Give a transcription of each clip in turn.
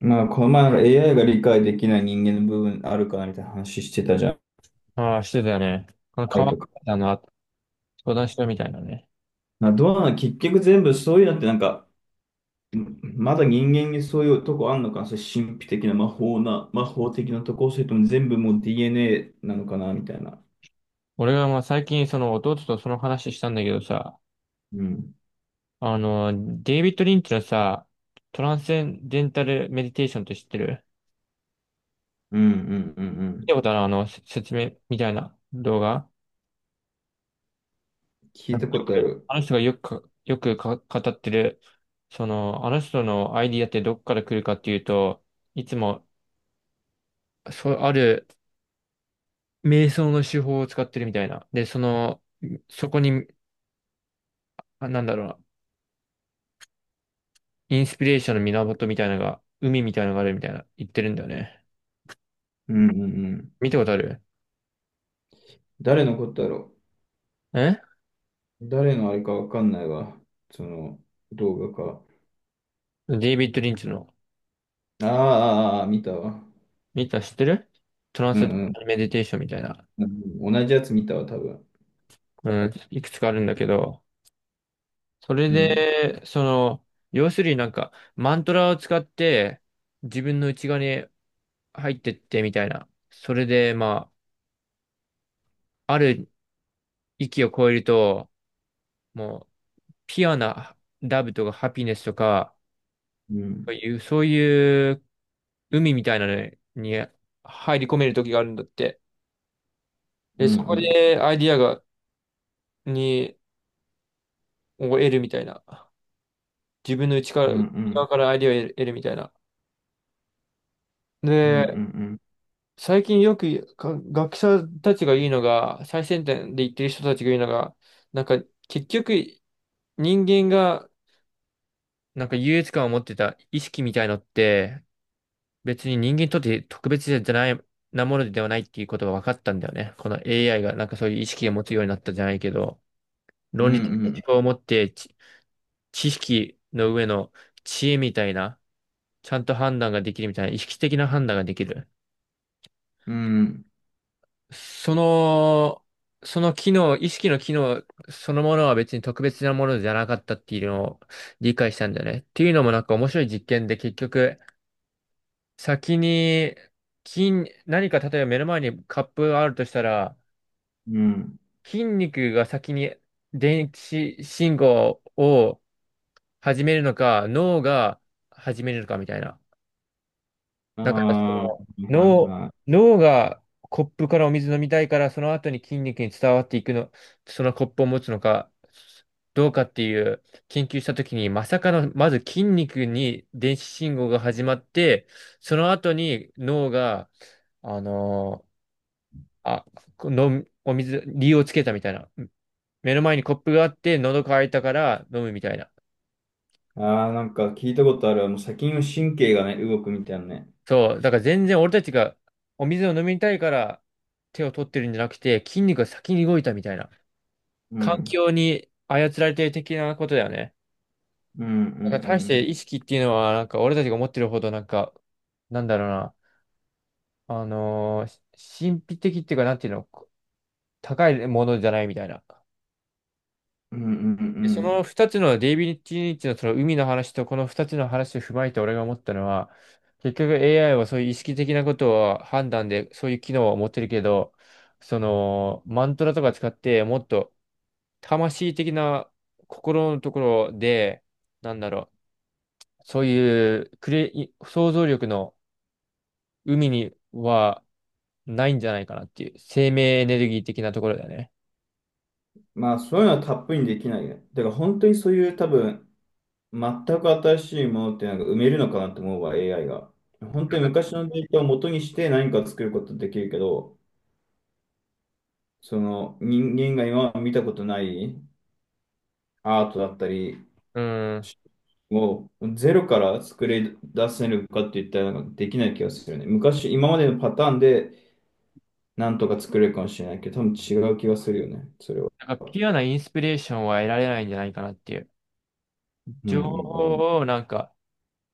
まあ、この前の AI が理解できない人間の部分あるかなみたいな話してたじゃん。ああ、してたよね。変 A わっとか。たの、相談しろみたいなね。まあ、どうなの、結局全部そういうのってなんか、まだ人間にそういうとこあんのかな、それ神秘的な魔法的なとこ、それとも全部もう DNA なのかなみたいな。俺が最近その弟とその話したんだけどさ、うん。デイビッド・リンチのさ、トランスセンデンタルメディテーションって知ってる？うんうんうんう見たん。ことある？説明みたいな動画。聞いよたことあくる。あの人がよく語ってる、あの人のアイディアってどっから来るかっていうと、いつも、そう、ある瞑想の手法を使ってるみたいな。で、その、そこに、なんだろうな。インスピレーションの源みたいなのが、海みたいなのがあるみたいな言ってるんだよね。うんうんうん。見たことある？誰のことだろえう誰のあれかわかんないわ。その動画か。デイビッド・リンチの、あーあー、あー見たわ。見た、知ってる？トランうんスうん。メディテーションみたいな、うん、同じやつ見たわ、多分。うん、いくつかあるんだけど、それうんで、その、要するになんか、マントラを使って、自分の内側に入ってってみたいな。それで、ある域を超えると、もう、ピュアなラブとかハピネスとか、うん、そういう海みたいなのに入り込める時があるんだって。うで、ん、うそこん、でアイディアが、に、を得るみたいな。自分の内かうん、ら、内うん、側からアイディアを得るみたいな。うん、うで、ん、最近よく学者たちが言うのが、最先端で言ってる人たちが言うのが、なんか結局人間がなんか優越感を持ってた意識みたいのって、別に人間にとって特別じゃない、なものではないっていうことが分かったんだよね。この AI がなんかそういう意識を持つようになったじゃないけど、う論理的な思ん、考を持って知、知識の上の知恵みたいな、ちゃんと判断ができるみたいな、意識的な判断ができる。うん、その、その機能、意識の機能そのものは別に特別なものじゃなかったっていうのを理解したんだよね。っていうのもなんか面白い実験で結局、先に、金、何か例えば目の前にカップがあるとしたら、うん、筋肉が先に電子信号を始めるのか、脳が始めるのかみたいな。あだからそれあ、ははい脳、はい。脳がコップからお水飲みたいから、その後に筋肉に伝わっていくの、そのコップを持つのか、どうかっていう研究したときに、まさかの、まず筋肉に電子信号が始まって、その後に脳が、あのーあ、このお水、理由をつけたみたいな。目の前にコップがあって、喉乾いたから飲むみたいな。ああ、なんか聞いたことある。もう先の神経がね、動くみたいなね。そう、だから全然俺たちがお水を飲みたいから手を取ってるんじゃなくて、筋肉が先に動いたみたいな。う環ん、境に操られてる的なことだよね。うん、うん、うだから大しん、て意識っていうのは、なんか俺たちが思ってるほど、なんか、なんだろうな、あのーし神秘的っていうか、なんていうの、高いものじゃないみたいな。うん、うん、うでそのん。二つのデイビッド・リンチのその海の話とこの二つの話を踏まえて俺が思ったのは、結局 AI はそういう意識的なことを判断でそういう機能を持ってるけど、そのマントラとか使ってもっと魂的な心のところで、なんだろう、そういうクリエイ、想像力の海にはないんじゃないかなっていう、生命エネルギー的なところだよね。まあ、そういうのはたっぷりにできないね。だから本当にそういう多分、全く新しいものってなんか埋めるのかなと思うわ、AI が。本な当んにか、昔のデータを元にして何か作ることできるけど、その人間が今まで見たことないアートだったりうん、をゼロから作り出せるかって言ったらなんかできない気がするよね。昔、今までのパターンでなんとか作れるかもしれないけど、多分違う気がするよね、それは。なんかピュアなインスピレーションは得られないんじゃないかなっていう。うんう情んうん。報をなんか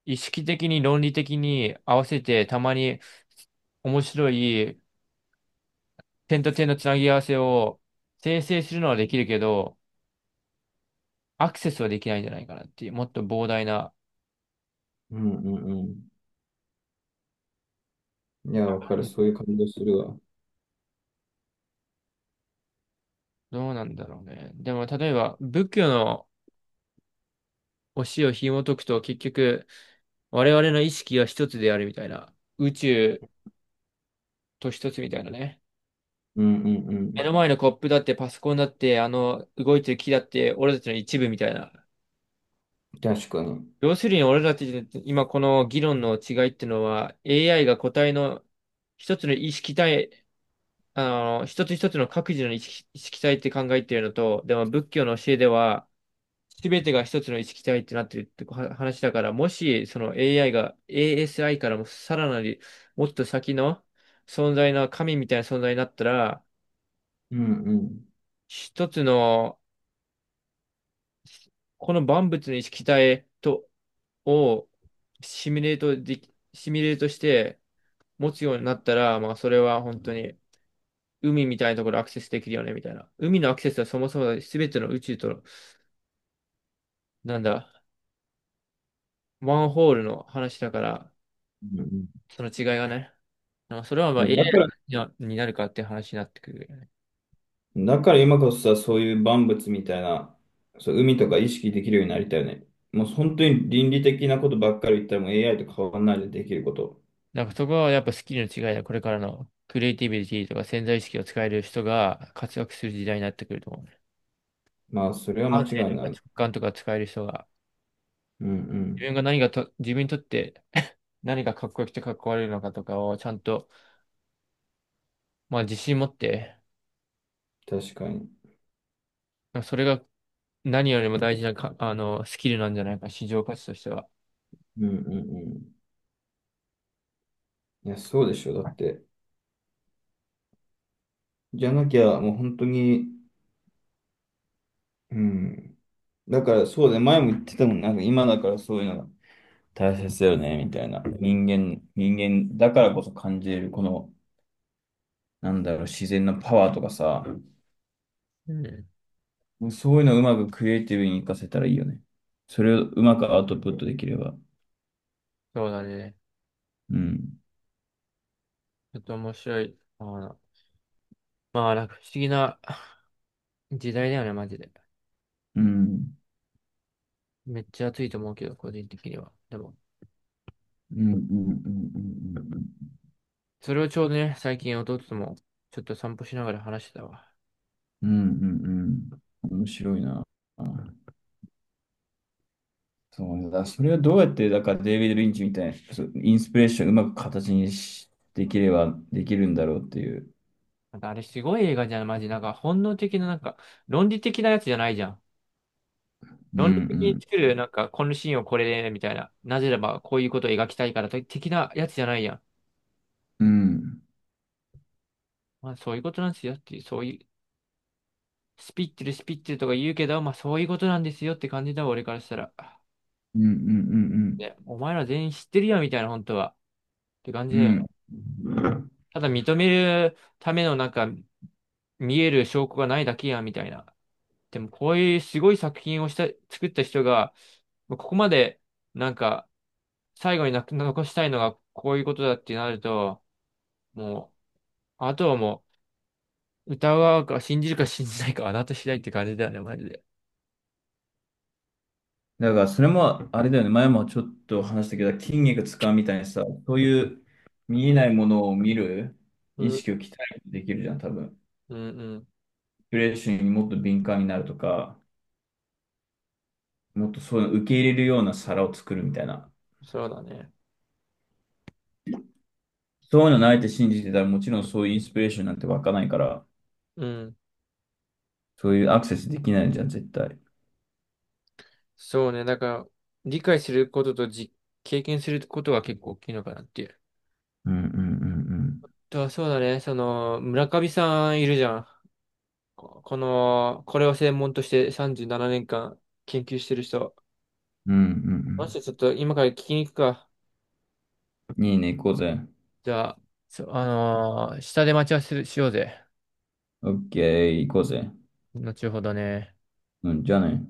意識的に論理的に合わせてたまに面白い点と点のつなぎ合わせを生成するのはできるけど、アクセスはできないんじゃないかなっていう、もっと膨大な、うんうんうん。いや、わかる。そういう感じがするわ。どうなんだろうね。でも例えば仏教の教えを紐解くと結局我々の意識は一つであるみたいな、宇宙と一つみたいなね。うんうんう目ん。の前のコップだってパソコンだってあの動いてる木だって俺たちの一部みたいな。確かに。うん要するに俺らって今この議論の違いってのは AI が個体の一つの意識体、あの、一つ一つの各自の意識、意識体って考えてるのと、でも仏教の教えでは全てが一つの意識体ってなってるっては話だから、もしその AI が ASI からもさらなりもっと先の存在の神みたいな存在になったら、うん。一つのこの万物の意識体と、をシミュレートして、持つようになったら、まあ、それは本当に海みたいなところアクセスできるよね、みたいな。海のアクセスはそもそも全ての宇宙と、なんだ、ワンホールの話だから、うんうん、その違いがね。まあ、それはまいあ や、a だから、アイになるかっていう話になってくるよね。だから今こそさ、そういう万物みたいな、そう、海とか意識できるようになりたいよね。もう本当に倫理的なことばっかり言ったらもう AI と変わらないでできること。なんかそこはやっぱスキルの違いだ。これからのクリエイティビティとか潜在意識を使える人が活躍する時代になってくると思うね。まあ、それは間感違性いとかな直い。感とか使える人が、うんうん。自分にとって 何がかっこよくてかっこ悪いのかとかをちゃんと、まあ自信持って、確かに。それが何よりも大事なか、あの、スキルなんじゃないか、市場価値としては。うんうんうん。いや、そうでしょ。だって。じゃなきゃ、もう本当に、うん。だから、そうだね、前も言ってたもん。なんか今だからそういうのが大切だよね、みたいな。人間だからこそ感じれる、この、なんだろう、自然のパワーとかさ、うん。そういうのをうまくクリエイティブに活かせたらいいよね。それをうまくアウトプットできれば。そうだね。うん。ちょっと面白い。あの、まあ、なんか不思議な 時代だよね、マジで。うん。めっちゃ暑いと思うけど、個人的には。でも、うんうんうんうんうんうん。それをちょうどね、最近弟とも、ちょっと散歩しながら話してたわ。うんうんうん。面白いな。そうねだ。それはどうやって、だからデイビッド・リンチみたいな、そうインスピレーションをうまく形にし、できればできるんだろうっていう。なんかあれすごい映画じゃん、マジ。なんか本能的な、なんか、論理的なやつじゃないじゃん。うんう論理的に作ん。る、なんか、このシーンをこれで、みたいな。なぜならば、こういうことを描きたいから、的なやつじゃないやん。うんまあ、そういうことなんですよっていう、そういう、スピッツルとか言うけど、まあそういうことなんですよって感じだわ、俺からしたら。うんうんね、お前ら全員知ってるやんみたいな、本当は。って感うじだんよ。うん。うん。ただ認めるためのなんか、見える証拠がないだけやんみたいな。でもこういうすごい作品をした、作った人が、まあここまで、なんか、最後に残したいのがこういうことだってなると、もう、あとはもう、歌うか信じるか信じないかはあなた次第って感じだよね、マジで。だからそれも、あれだよね、前もちょっと話したけど、筋肉使うみたいにさ、そういう見えないものを見るう意ん、識を鍛えてできるじゃん、多分。インうん、うん。スピレーションにもっと敏感になるとか、もっとそういうの受け入れるような皿を作るみたいな。そうだね。そういうのないって信じてたら、もちろんそういうインスピレーションなんて湧かないから、うん。そういうアクセスできないじゃん、絶対。そうね。だから、理解することとじ、経験することは結構大きいのかなっていう。うんうんうんと、そうだね。その、村上さんいるじゃん。ここの、これを専門として37年間研究してる人。うん。うんうもんしちょっと今から聞きに行くか。うん。いいね、行こうぜ。じゃあ、そう、あのー下で待ち合わせしようぜ。オッケー、行こうぜ。後ほどね。うん、じゃあね。